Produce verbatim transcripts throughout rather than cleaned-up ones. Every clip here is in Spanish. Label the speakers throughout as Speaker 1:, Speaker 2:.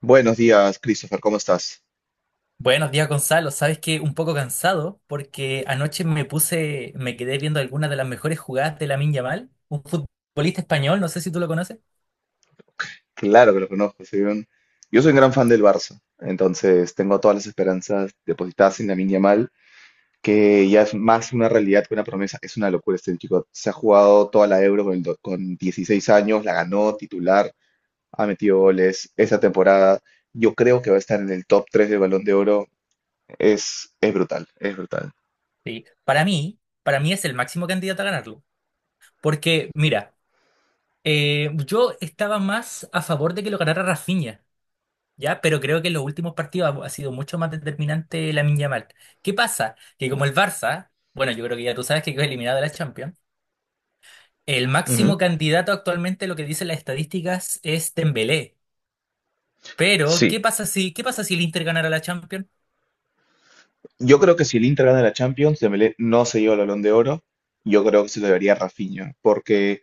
Speaker 1: Buenos días, Christopher, ¿cómo estás?
Speaker 2: Buenos días, Gonzalo. Sabes que un poco cansado porque anoche me puse, me quedé viendo algunas de las mejores jugadas de Lamine Yamal, un futbolista español, no sé si tú lo conoces.
Speaker 1: Claro que lo conozco, soy un- yo soy un gran fan del Barça, entonces tengo todas las esperanzas depositadas en Lamine Yamal, que ya es más una realidad que una promesa. Es una locura este chico, se ha jugado toda la Euro con, el do- con dieciséis años, la ganó titular, ha metido goles esa temporada. Yo creo que va a estar en el top tres del Balón de Oro. Es, es brutal, es brutal.
Speaker 2: Sí. Para mí, para mí es el máximo candidato a ganarlo. Porque mira, eh, yo estaba más a favor de que lo ganara Rafinha, ¿ya? Pero creo que en los últimos partidos ha, ha sido mucho más determinante Lamine Yamal. ¿Qué pasa? Que como el Barça, bueno, yo creo que ya tú sabes que quedó eliminado de la Champions, el
Speaker 1: Ujú.
Speaker 2: máximo candidato actualmente, lo que dicen las estadísticas, es Dembélé. Pero
Speaker 1: Sí,
Speaker 2: ¿qué pasa si, ¿qué pasa si el Inter ganara la Champions?
Speaker 1: yo creo que si el Inter gana la Champions, Dembélé no se lleva el Balón de Oro. Yo creo que se lo debería a Rafinha, porque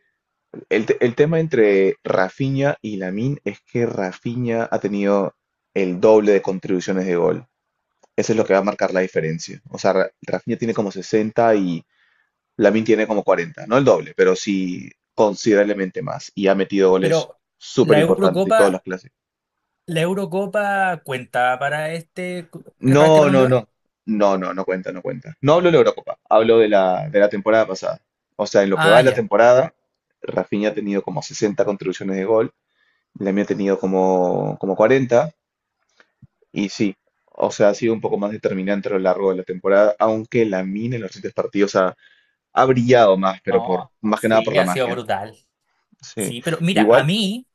Speaker 1: el, te- el tema entre Rafinha y Lamine es que Rafinha ha tenido el doble de contribuciones de gol. Eso es lo que va a marcar la diferencia. O sea, Ra- Rafinha tiene como sesenta y Lamine tiene como cuarenta, no el doble, pero sí considerablemente más. Y ha metido goles
Speaker 2: Pero
Speaker 1: súper
Speaker 2: la
Speaker 1: importantes y todos los
Speaker 2: Eurocopa,
Speaker 1: clásicos.
Speaker 2: la Eurocopa cuenta para este, para este
Speaker 1: No,
Speaker 2: Balón de
Speaker 1: no,
Speaker 2: Oro.
Speaker 1: no. No, no, no cuenta, no cuenta. No hablo de la Eurocopa, hablo de la, de la temporada pasada. O sea, en lo que va
Speaker 2: Ah,
Speaker 1: de la
Speaker 2: ya.
Speaker 1: temporada, Rafinha ha tenido como sesenta contribuciones de gol, Lamine ha tenido como, como cuarenta. Y sí, o sea, ha sido un poco más determinante a lo largo de la temporada, aunque Lamine en los siguientes partidos ha, ha brillado más, pero por
Speaker 2: No,
Speaker 1: más que nada por
Speaker 2: sí,
Speaker 1: la
Speaker 2: ha sido
Speaker 1: magia.
Speaker 2: brutal.
Speaker 1: Sí,
Speaker 2: Sí, pero mira, a
Speaker 1: igual,
Speaker 2: mí,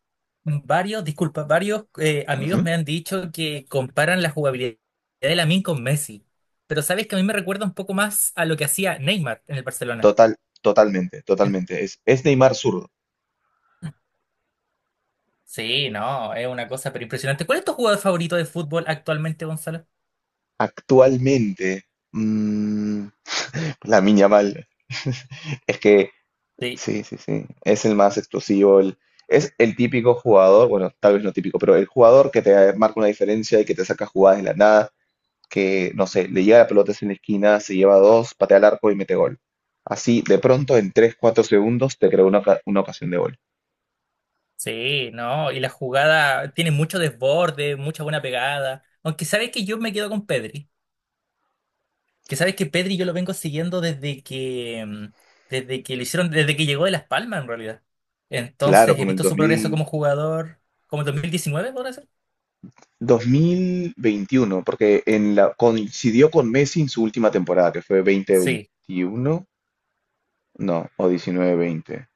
Speaker 2: varios, disculpa, varios eh, amigos
Speaker 1: ujú,
Speaker 2: me han dicho que comparan la jugabilidad de Lamine con Messi. Pero sabes que a mí me recuerda un poco más a lo que hacía Neymar en el Barcelona.
Speaker 1: total, totalmente, totalmente. Es, es Neymar zurdo.
Speaker 2: Sí, no, es una cosa pero impresionante. ¿Cuál es tu jugador favorito de fútbol actualmente, Gonzalo?
Speaker 1: Actualmente, mm, La Yamal. Es que,
Speaker 2: Sí,
Speaker 1: sí, sí, sí. Es el más explosivo. El- es el típico jugador, bueno, tal vez no típico, pero el jugador que te marca una diferencia y que te saca jugadas de la nada, que, no sé, le llega la pelota en la esquina, se lleva dos, patea al arco y mete gol. Así, de pronto, en tres cuatro segundos, te creó una, oca- una ocasión de gol.
Speaker 2: sí, no, y la jugada tiene mucho desborde, mucha buena pegada. Aunque sabes que yo me quedo con Pedri, que sabes que Pedri yo lo vengo siguiendo desde que mm, desde que lo hicieron, desde que llegó de Las Palmas en realidad.
Speaker 1: Claro,
Speaker 2: Entonces he
Speaker 1: como el
Speaker 2: visto su progreso
Speaker 1: dos mil,
Speaker 2: como jugador, como en dos mil diecinueve, ¿podrá ser?
Speaker 1: dos mil veintiuno, porque en la, coincidió con Messi en su última temporada, que fue
Speaker 2: Sí.
Speaker 1: veinte veintiuno, no, o diecinueve veinte.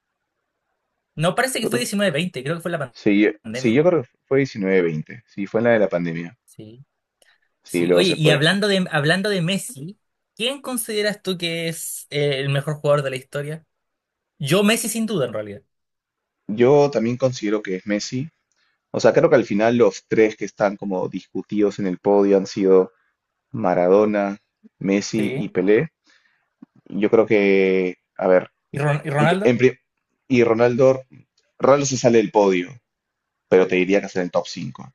Speaker 2: No, parece que fue diecinueve veinte, creo que fue la pan-
Speaker 1: Sí, yo- sí, yo
Speaker 2: pandemia.
Speaker 1: creo que fue diecinueve veinte. Sí, fue en la de la pandemia.
Speaker 2: Sí.
Speaker 1: Sí,
Speaker 2: Sí,
Speaker 1: luego
Speaker 2: oye,
Speaker 1: se
Speaker 2: y
Speaker 1: fue.
Speaker 2: hablando de hablando de Messi, ¿quién consideras tú que es eh, el mejor jugador de la historia? Yo Messi sin duda en realidad.
Speaker 1: Yo también considero que es Messi. O sea, creo que al final los tres que están como discutidos en el podio han sido Maradona, Messi y
Speaker 2: Sí.
Speaker 1: Pelé. Yo creo que, a ver,
Speaker 2: ¿Y Ron- y
Speaker 1: en pri- en
Speaker 2: Ronaldo?
Speaker 1: pri- y Ronaldo, Ronaldo se sale del podio, pero te diría que está en el top cinco.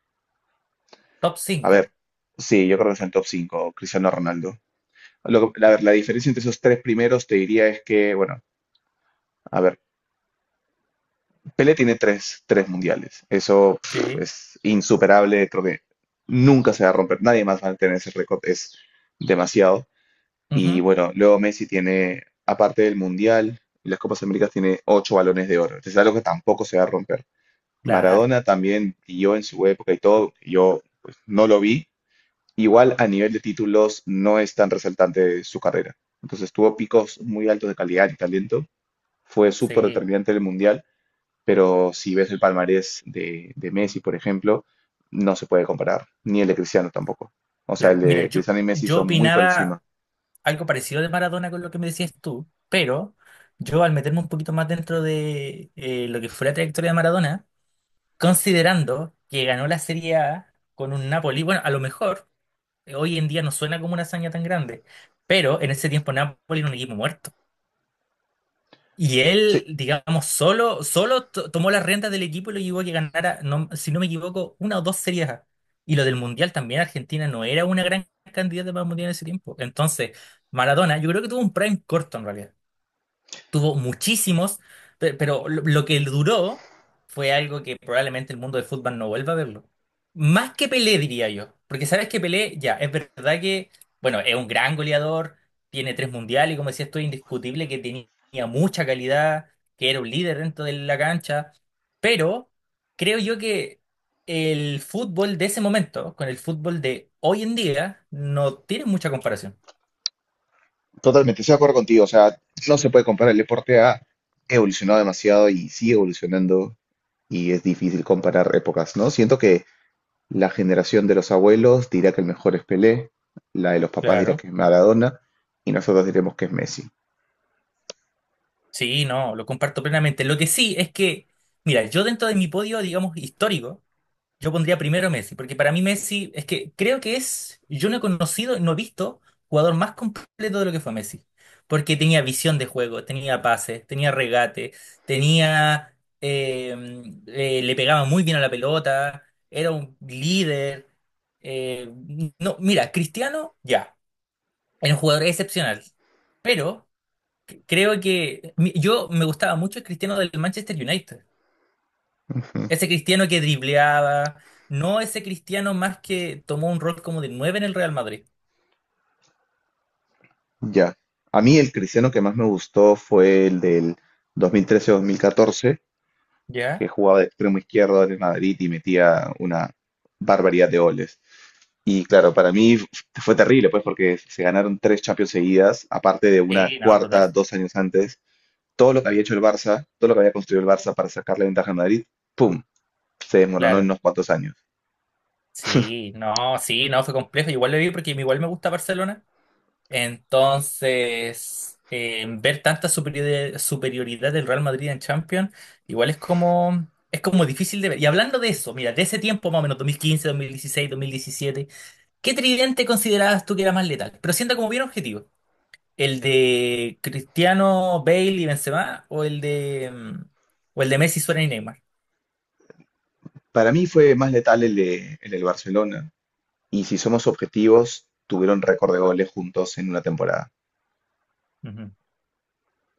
Speaker 2: Top
Speaker 1: A ver,
Speaker 2: cinco.
Speaker 1: sí, yo creo que está en el top cinco, Cristiano Ronaldo. Lo que- a ver, la diferencia entre esos tres primeros te diría es que, bueno, a ver. Pelé tiene tres, tres mundiales. Eso pff,
Speaker 2: Sí.
Speaker 1: es insuperable. Creo que nunca se va a romper. Nadie más va a tener ese récord. Es demasiado. Y
Speaker 2: Ujú.
Speaker 1: bueno, luego Messi tiene, aparte del mundial, y las Copas Américas, tiene ocho balones de oro. Es algo que tampoco se va a romper.
Speaker 2: Claro,
Speaker 1: Maradona también yo en su época y todo. Yo pues, no lo vi. Igual a nivel de títulos no es tan resaltante su carrera. Entonces tuvo picos muy altos de calidad y talento. Fue súper
Speaker 2: sí,
Speaker 1: determinante en el mundial, pero si ves el palmarés de, de Messi, por ejemplo, no se puede comparar, ni el de Cristiano tampoco. O sea, el
Speaker 2: claro. Mira,
Speaker 1: de
Speaker 2: yo,
Speaker 1: Cristiano y Messi
Speaker 2: yo
Speaker 1: son muy por encima.
Speaker 2: opinaba algo parecido de Maradona con lo que me decías tú, pero yo al meterme un poquito más dentro de eh, lo que fue la trayectoria de Maradona, considerando que ganó la Serie A con un Napoli, bueno, a lo mejor, eh, hoy en día no suena como una hazaña tan grande, pero en ese tiempo Napoli era un equipo muerto. Y
Speaker 1: Sí,
Speaker 2: él, digamos, solo, solo to- tomó las riendas del equipo y lo llevó a que ganara, no- si no me equivoco, una o dos Series A. Y lo del Mundial también, Argentina no era una gran candidata para el Mundial en ese tiempo. Entonces, Maradona, yo creo que tuvo un prime corto en realidad, tuvo muchísimos, pe- pero lo lo que duró fue algo que probablemente el mundo del fútbol no vuelva a verlo. Más que Pelé, diría yo. Porque sabes que Pelé, ya, es verdad que, bueno, es un gran goleador, tiene tres mundiales, y como decía, esto es indiscutible, que tenía mucha calidad, que era un líder dentro de la cancha, pero creo yo que el fútbol de ese momento con el fútbol de hoy en día no tiene mucha comparación.
Speaker 1: totalmente, estoy de acuerdo contigo. O sea, no se puede comparar. El deporte ha evolucionado demasiado y sigue evolucionando y es difícil comparar épocas, ¿no? Siento que la generación de los abuelos dirá que el mejor es Pelé, la de los papás dirá
Speaker 2: Claro.
Speaker 1: que es Maradona y nosotros diremos que es Messi.
Speaker 2: Sí, no, lo comparto plenamente. Lo que sí es que, mira, yo dentro de mi podio, digamos, histórico, yo pondría primero Messi, porque para mí Messi es que creo que es, yo no he conocido, no he visto jugador más completo de lo que fue Messi, porque tenía visión de juego, tenía pases, tenía regate, tenía, eh, eh, le pegaba muy bien a la pelota, era un líder. Eh, no, mira, Cristiano, ya, era un jugador excepcional, pero... Creo que mi- yo me gustaba mucho el Cristiano del Manchester United. Ese Cristiano que dribleaba, no ese Cristiano más que tomó un rol como de nueve en el Real Madrid.
Speaker 1: Ya. A mí el cristiano que más me gustó fue el del dos mil trece-dos mil catorce, que
Speaker 2: ¿Ya?
Speaker 1: jugaba de extremo izquierdo en el Madrid y metía una barbaridad de goles. Y claro, para mí f- fue terrible, pues, porque se ganaron tres Champions seguidas, aparte de una
Speaker 2: Sí, no,
Speaker 1: cuarta
Speaker 2: brutal.
Speaker 1: dos años antes. Todo lo que había hecho el Barça, todo lo que había construido el Barça para sacarle ventaja al Madrid, ¡pum! Se desmoronó en
Speaker 2: Claro.
Speaker 1: unos cuantos años.
Speaker 2: Sí, no, sí, no, fue complejo. Igual lo vi porque igual me gusta Barcelona. Entonces, eh, ver tanta superiori- superioridad del Real Madrid en Champions, igual es como, es como difícil de ver. Y hablando de eso, mira, de ese tiempo más o menos, dos mil quince, dos mil dieciséis, dos mil diecisiete. ¿Qué tridente considerabas tú que era más letal? Pero sienta como bien objetivo. ¿El de Cristiano, Bale y Benzema o el de mm, o el de Messi, Suárez y Neymar?
Speaker 1: Para mí fue más letal el, de- el del Barcelona. Y si somos objetivos, tuvieron récord de goles juntos en una temporada.
Speaker 2: Ujú.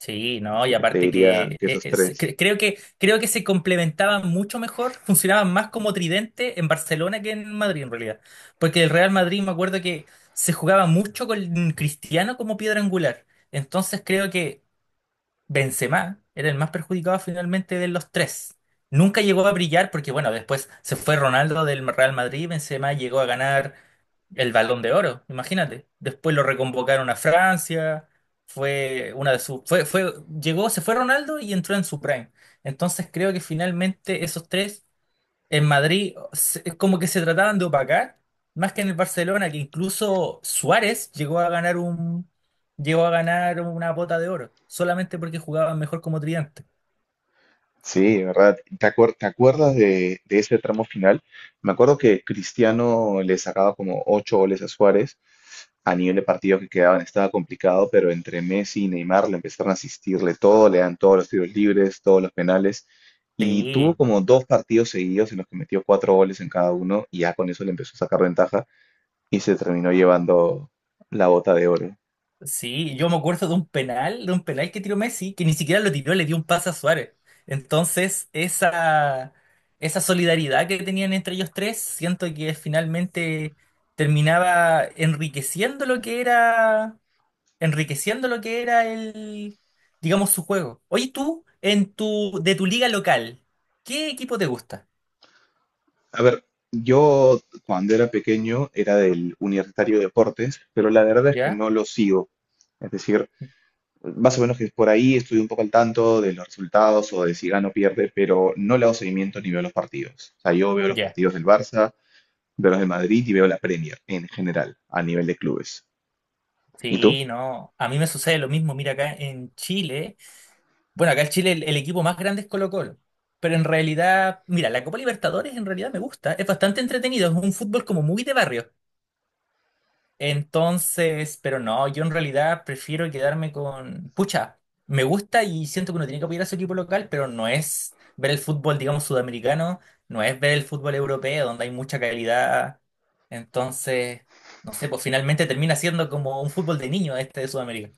Speaker 2: Sí, no,
Speaker 1: Así
Speaker 2: y
Speaker 1: que te
Speaker 2: aparte
Speaker 1: diría
Speaker 2: que
Speaker 1: que
Speaker 2: eh,
Speaker 1: esos
Speaker 2: es-
Speaker 1: tres.
Speaker 2: cre- creo que creo que se complementaban mucho mejor, funcionaban más como tridente en Barcelona que en Madrid en realidad, porque el Real Madrid me acuerdo que se jugaba mucho con Cristiano como piedra angular. Entonces creo que Benzema era el más perjudicado finalmente de los tres. Nunca llegó a brillar porque, bueno, después se fue Ronaldo del Real Madrid y Benzema llegó a ganar el Balón de Oro, imagínate. Después lo reconvocaron a Francia, fue una de sus... Fue, fue, llegó, se fue Ronaldo y entró en su prime. Entonces creo que finalmente esos tres en Madrid se- es como que se trataban de opacar, más que en el Barcelona, que incluso Suárez llegó a ganar un, llegó a ganar una bota de oro, solamente porque jugaban mejor como tridente.
Speaker 1: Sí, ¿de verdad? ¿Te acuer- Te acuerdas de, de ese tramo final? Me acuerdo que Cristiano le sacaba como ocho goles a Suárez a nivel de partidos que quedaban, estaba complicado, pero entre Messi y Neymar le empezaron a asistirle todo, le dan todos los tiros libres, todos los penales, y tuvo
Speaker 2: Sí,
Speaker 1: como dos partidos seguidos en los que metió cuatro goles en cada uno, y ya con eso le empezó a sacar ventaja y se terminó llevando la bota de oro.
Speaker 2: sí, yo me acuerdo de un penal, de un penal que tiró Messi, que ni siquiera lo tiró, le dio un pase a Suárez. Entonces, esa, esa solidaridad que tenían entre ellos tres, siento que finalmente terminaba enriqueciendo lo que era. Enriqueciendo lo que era el, digamos, su juego. Oye, tú, en tu, de tu liga local, ¿qué equipo te gusta?
Speaker 1: A ver, yo cuando era pequeño era del Universitario de Deportes, pero la verdad es que
Speaker 2: ¿Ya?
Speaker 1: no lo sigo. Es decir, más o menos que por ahí estoy un poco al tanto de los resultados o de si gana o pierde, pero no le hago seguimiento ni veo los partidos. O sea, yo veo los
Speaker 2: Ya.
Speaker 1: partidos del Barça, veo los de Madrid y veo la Premier en general, a nivel de clubes. ¿Y tú?
Speaker 2: Sí, no. A mí me sucede lo mismo. Mira, acá en Chile, bueno, acá en Chile el, el equipo más grande es Colo-Colo. Pero en realidad, mira, la Copa Libertadores en realidad me gusta. Es bastante entretenido. Es un fútbol como muy de barrio. Entonces, pero no, yo en realidad prefiero quedarme con... Pucha, me gusta y siento que uno tiene que apoyar a su equipo local, pero no es ver el fútbol, digamos, sudamericano, no es ver el fútbol europeo, donde hay mucha calidad. Entonces, no sé, pues finalmente termina siendo como un fútbol de niño este de Sudamérica.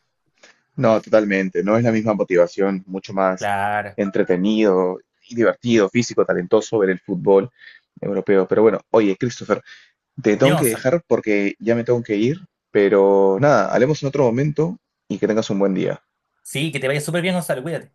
Speaker 1: No, totalmente. No es la misma motivación, mucho más
Speaker 2: Claro.
Speaker 1: entretenido y divertido, físico, talentoso ver el fútbol europeo. Pero bueno, oye, Christopher, te
Speaker 2: Dime,
Speaker 1: tengo que
Speaker 2: Gonzalo.
Speaker 1: dejar porque ya me tengo que ir, pero nada, hablemos en otro momento y que tengas un buen día.
Speaker 2: Sí, que te vaya súper bien, Gonzalo, cuídate.